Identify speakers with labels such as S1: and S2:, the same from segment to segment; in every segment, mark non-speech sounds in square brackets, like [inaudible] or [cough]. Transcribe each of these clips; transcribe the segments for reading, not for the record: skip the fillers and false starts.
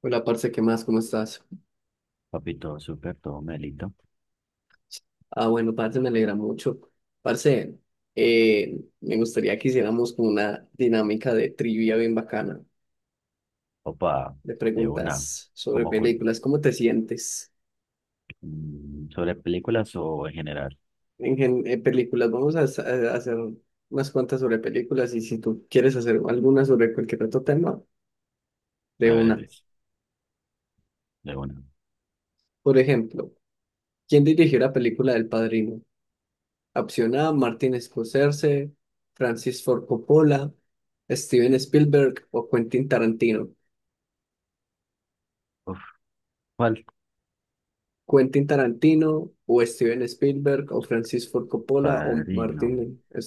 S1: Hola, parce, ¿qué más? ¿Cómo estás?
S2: Papi, todo súper, todo melito.
S1: Ah, bueno, parce, me alegra mucho. Parce, me gustaría que hiciéramos como una dinámica de trivia bien bacana,
S2: Opa,
S1: de
S2: de una.
S1: preguntas sobre
S2: Como cul-
S1: películas. ¿Cómo te sientes
S2: Sobre películas o en general.
S1: en, en películas? Vamos a, a hacer unas cuantas sobre películas y si tú quieres hacer alguna sobre cualquier otro tema, de
S2: A ver,
S1: una.
S2: ves, de una.
S1: Por ejemplo, ¿quién dirigió la película del Padrino? Opción A, Martin Scorsese, Francis Ford Coppola, Steven Spielberg o Quentin Tarantino.
S2: Uf, ¿cuál?
S1: Quentin Tarantino o Steven Spielberg o Francis Ford Coppola o
S2: Padrino.
S1: Martin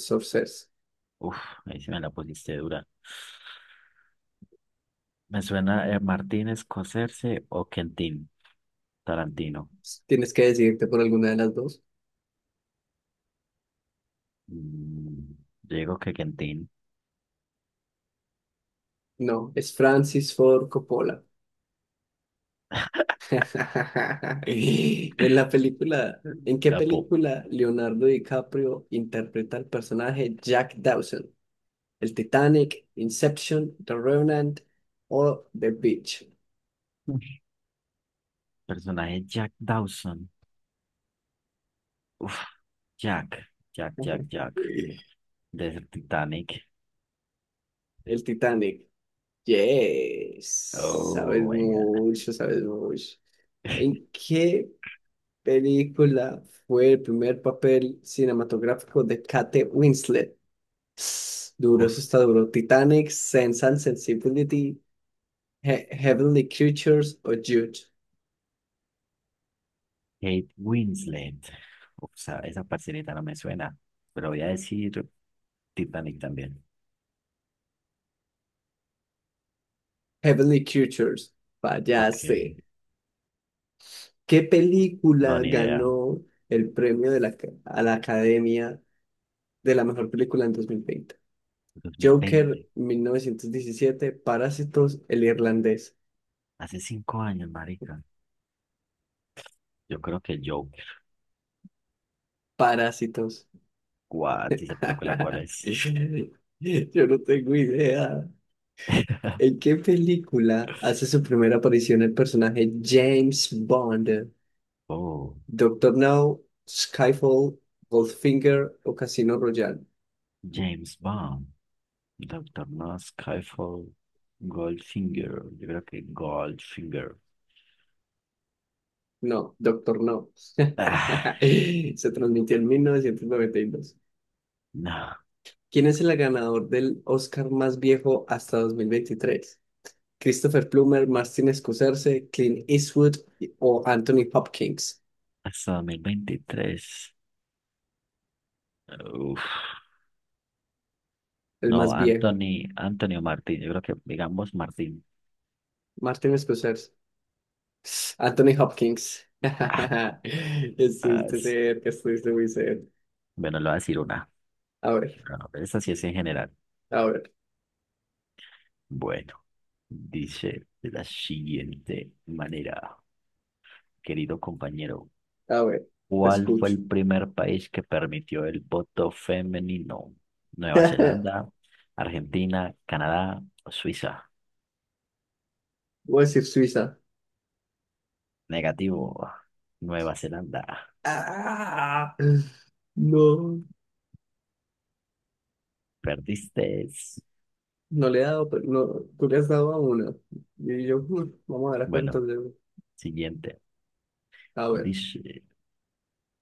S1: Scorsese.
S2: Uf, ahí se me la pusiste dura. Me suena Martín Scorsese o Quentin Tarantino.
S1: Tienes que decidirte por alguna de las dos.
S2: Mm, yo digo que Quentin.
S1: No, es Francis Ford Coppola. [laughs] En la película, ¿en qué
S2: Tapo.
S1: película Leonardo DiCaprio interpreta al personaje Jack Dawson? El Titanic, Inception, The Revenant o The Beach.
S2: Personaje Jack Dawson. Uf, Jack, Jack, Jack, Jack.
S1: [laughs]
S2: De Titanic.
S1: El Titanic. Yes. Sabes
S2: Oh my God.
S1: mucho, sabes mucho.
S2: [laughs]
S1: ¿En qué película fue el primer papel cinematográfico de Kate Winslet? Duro, eso
S2: Uf.
S1: está duro. Titanic, Sense and Sensibility, Heavenly Creatures o Jude.
S2: Kate Winslet. O sea, esa parcerita no me suena, pero voy a decir Titanic también.
S1: Heavenly Creatures.
S2: Ok,
S1: Fallaste. ¿Qué
S2: no,
S1: película
S2: ni idea.
S1: ganó el premio de la, a la Academia de la mejor película en 2020?
S2: Dos mil
S1: Joker,
S2: veinte,
S1: 1917, Parásitos, El Irlandés.
S2: hace 5 años, marica. Yo creo que Joker.
S1: Parásitos.
S2: What? ¿Esa película cuál es?
S1: [laughs] Yo no tengo idea.
S2: [laughs]
S1: ¿En qué película hace su primera aparición el personaje James Bond?
S2: Oh,
S1: Doctor No, Skyfall, Goldfinger o Casino Royale.
S2: James Bond, Doctor No, Skyfall, Goldfinger. Yo creo que Goldfinger.
S1: No, Doctor No. [laughs]
S2: Ah,
S1: Se transmitió en 1992.
S2: no,
S1: ¿Quién es el ganador del Oscar más viejo hasta 2023? Christopher Plummer, Martin Scorsese, Clint Eastwood o Anthony Hopkins,
S2: hasta 2023. Uf.
S1: el
S2: No,
S1: más viejo.
S2: Anthony, Anthony o Martín, yo creo que digamos Martín.
S1: Martin Scorsese. Anthony Hopkins.
S2: Ah,
S1: [laughs]
S2: ah,
S1: Estuviste
S2: sí.
S1: cerca, estuviste muy cerca.
S2: Bueno, le voy a decir una.
S1: A ver,
S2: No, esa sí es en general.
S1: a ver,
S2: Bueno, dice de la siguiente manera, querido compañero,
S1: a ver, te
S2: ¿cuál fue
S1: escucho.
S2: el primer país que permitió el voto femenino? ¿Nueva Zelanda,
S1: [laughs]
S2: Argentina, Canadá o Suiza?
S1: Voy a decir Suiza.
S2: Negativo, Nueva Zelanda.
S1: Ah, no.
S2: Perdiste.
S1: No le he dado, pero no, tú le has dado a una. Y yo, "Mm, vamos a dar
S2: Bueno,
S1: cuántas de
S2: siguiente.
S1: A ver,
S2: Dice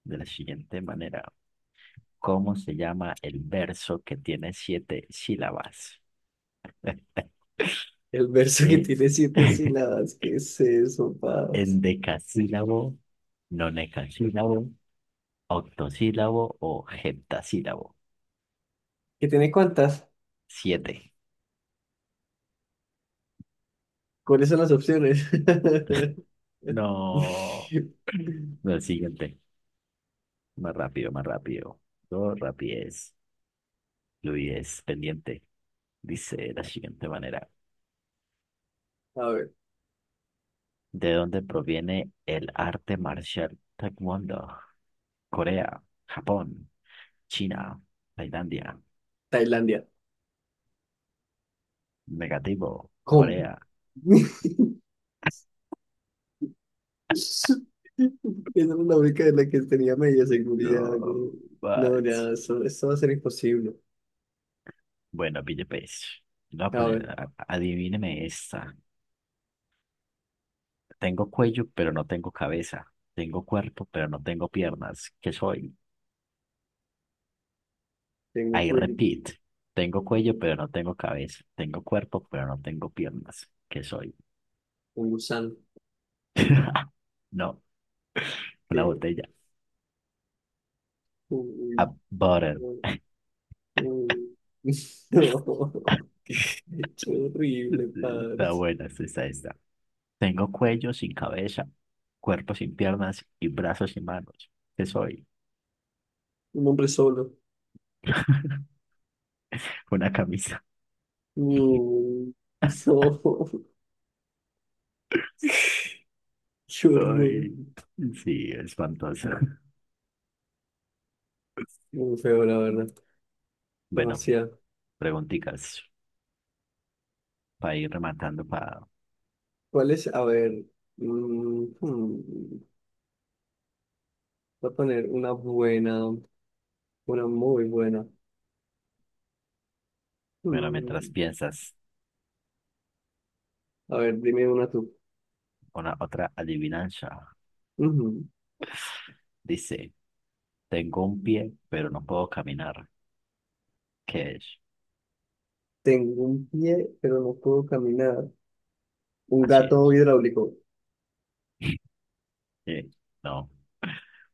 S2: de la siguiente manera. ¿Cómo se llama el verso que tiene 7 sílabas?
S1: el verso que
S2: Eh,
S1: tiene siete
S2: [laughs]
S1: sílabas, ¿qué es eso, paz?
S2: endecasílabo, nonecasílabo, octosílabo o heptasílabo.
S1: ¿Que tiene cuántas?
S2: 7.
S1: ¿Cuáles son las opciones? [laughs]
S2: No. [clears throat] No, el siguiente. Más rápido, más rápido. Dos rapidez. Luis, pendiente. Dice de la siguiente manera.
S1: A ver,
S2: ¿De dónde proviene el arte marcial Taekwondo? Corea, Japón, China, Tailandia.
S1: Tailandia.
S2: Negativo.
S1: ¿Cómo?
S2: Corea.
S1: [laughs] Esa era la única de la que tenía media seguridad,
S2: No
S1: güey. No, ya,
S2: manches.
S1: eso va a ser imposible.
S2: Bueno, pille pues. Le voy a
S1: A ver,
S2: poner, adivíneme esta. Tengo cuello, pero no tengo cabeza. Tengo cuerpo, pero no tengo piernas. ¿Qué soy?
S1: tengo
S2: I repeat. Tengo cuello, pero no tengo cabeza. Tengo cuerpo, pero no tengo piernas. ¿Qué soy?
S1: un gusano.
S2: [laughs] No, una
S1: Que,
S2: botella. A
S1: uy,
S2: butter.
S1: no. Mm, [laughs] No, qué horrible, padre.
S2: Está buena, esta está. Esta. Tengo cuello sin cabeza, cuerpo sin piernas y brazos sin manos. ¿Qué soy?
S1: Un hombre solo.
S2: Una camisa.
S1: Mm, no, qué horror.
S2: Ay, sí, espantoso. [laughs]
S1: Muy feo, la verdad.
S2: Bueno,
S1: Demasiado.
S2: preguntitas para ir rematando, para,
S1: ¿Cuál es? A ver. mm, hmm, Voy a poner una buena, una muy buena.
S2: bueno, mientras
S1: Mm,
S2: piensas,
S1: A ver, dime una tú.
S2: una otra adivinanza.
S1: Ujú.
S2: Dice, tengo un pie, pero no puedo caminar. ¿Qué es?
S1: Tengo un pie, pero no puedo caminar. Un
S2: Así
S1: gato
S2: es.
S1: hidráulico.
S2: Eh, No,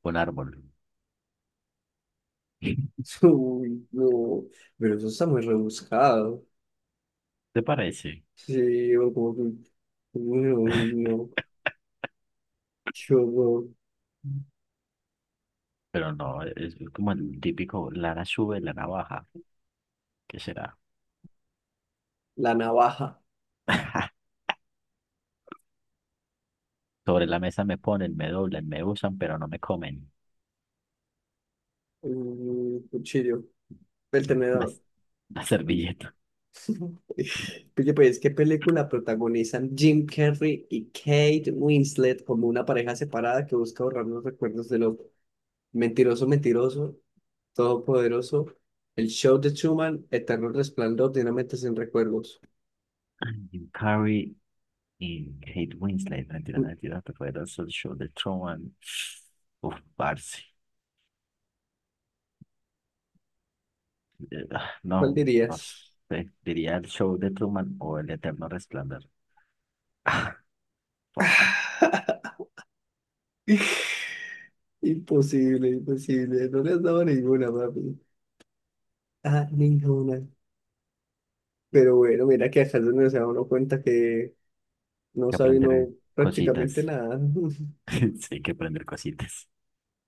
S2: un árbol. [laughs]
S1: [laughs] Uy, no. Pero eso está muy rebuscado.
S2: ¿Te parece?
S1: Sí, yo como que, bueno, no, yo no,
S2: Pero no, es como el típico, lana sube, lana baja. ¿Qué será?
S1: la navaja,
S2: [laughs] Sobre la mesa me ponen, me doblan, me usan, pero no me comen.
S1: un cuchillo, el
S2: [laughs] La,
S1: tenedor.
S2: la servilleta.
S1: Oye, pues, ¿qué película protagonizan Jim Carrey y Kate Winslet como una pareja separada que busca borrar los recuerdos de los mentiroso, mentiroso, todopoderoso, el show de Truman, eterno resplandor de una mente sin recuerdos?
S2: Ay, un Curry y Kate Winslet, mentira,
S1: Uy,
S2: mentira, te fue el show de Truman. Uf, parce.
S1: ¿cuál
S2: No, no
S1: dirías?
S2: sé, diría el show de Truman o el eterno resplandor. [laughs] Ah, fuck,
S1: [laughs] Imposible, imposible, no le has dado ninguna, papi. Ah, ninguna. Pero bueno, mira que acá es donde se da uno cuenta que no
S2: que
S1: sabe uno
S2: aprender
S1: prácticamente
S2: cositas.
S1: nada. [laughs]
S2: [laughs] Sí, hay que aprender cositas.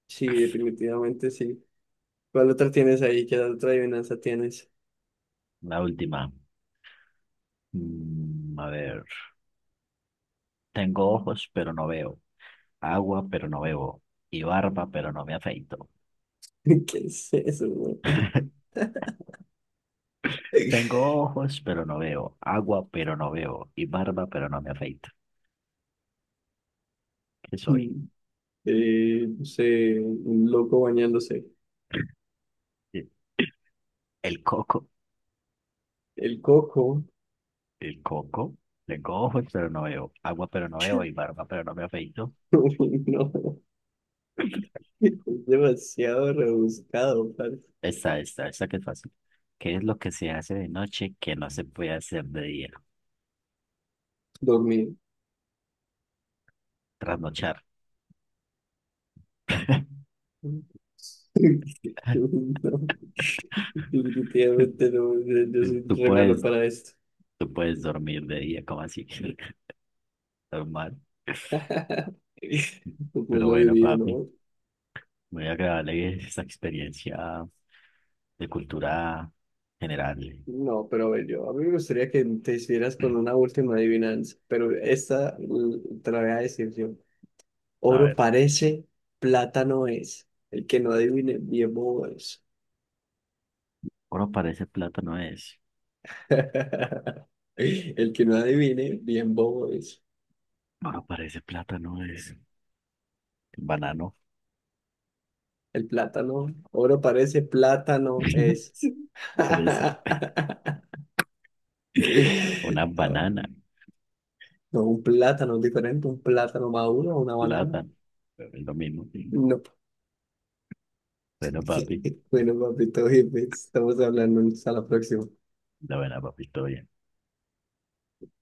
S1: Sí, definitivamente sí. ¿Cuál otra tienes ahí? ¿Qué otra adivinanza tienes?
S2: La última. Mm, a ver. Tengo ojos, pero no veo. Agua, pero no bebo. Y barba, pero no me afeito.
S1: [laughs] ¿Qué es eso, güey?
S2: [laughs] Tengo
S1: [laughs]
S2: ojos, pero no veo. Agua, pero no veo. Y barba, pero no me afeito. ¿Qué soy?
S1: Mm, no sé, un loco bañándose.
S2: Sí. El coco,
S1: El coco.
S2: el coco. Tengo ojos, pero no veo. Agua, pero no veo. Y
S1: [laughs]
S2: barba, pero no me afeito.
S1: Uy, no, es demasiado rebuscado, para
S2: Esta que es fácil. ¿Qué es lo que se hace de noche que no se puede hacer de día?
S1: dormir.
S2: Trasnochar. [laughs]
S1: [laughs] No, definitivamente no, yo soy
S2: Tú
S1: re malo
S2: puedes,
S1: para esto.
S2: tú puedes dormir de día, como así? [laughs] Normal.
S1: [laughs] Pues
S2: Pero
S1: lo
S2: bueno,
S1: vivido,
S2: papi,
S1: ¿no?
S2: muy agradable esta experiencia de cultura general.
S1: No, pero a ver, yo, a mí me gustaría que te hicieras con una última adivinanza, pero esta te la voy a decir yo.
S2: A
S1: Oro
S2: ver,
S1: parece, plata no es. El que no adivine, bien bobo es.
S2: oro parece plátano es.
S1: [laughs] El que no adivine, bien bobo es.
S2: Oro parece plátano es. Banano.
S1: El plátano, oro parece, plátano
S2: [laughs]
S1: es. [laughs]
S2: Fresa,
S1: A
S2: una
S1: ver,
S2: banana,
S1: no, un plátano es diferente, un plátano maduro, una banana.
S2: plátano, es lo mismo. Sí.
S1: No.
S2: Bueno, papi,
S1: [laughs] Bueno, papito, jefe, estamos hablando hasta la próxima.
S2: la buena, papi, todo bien.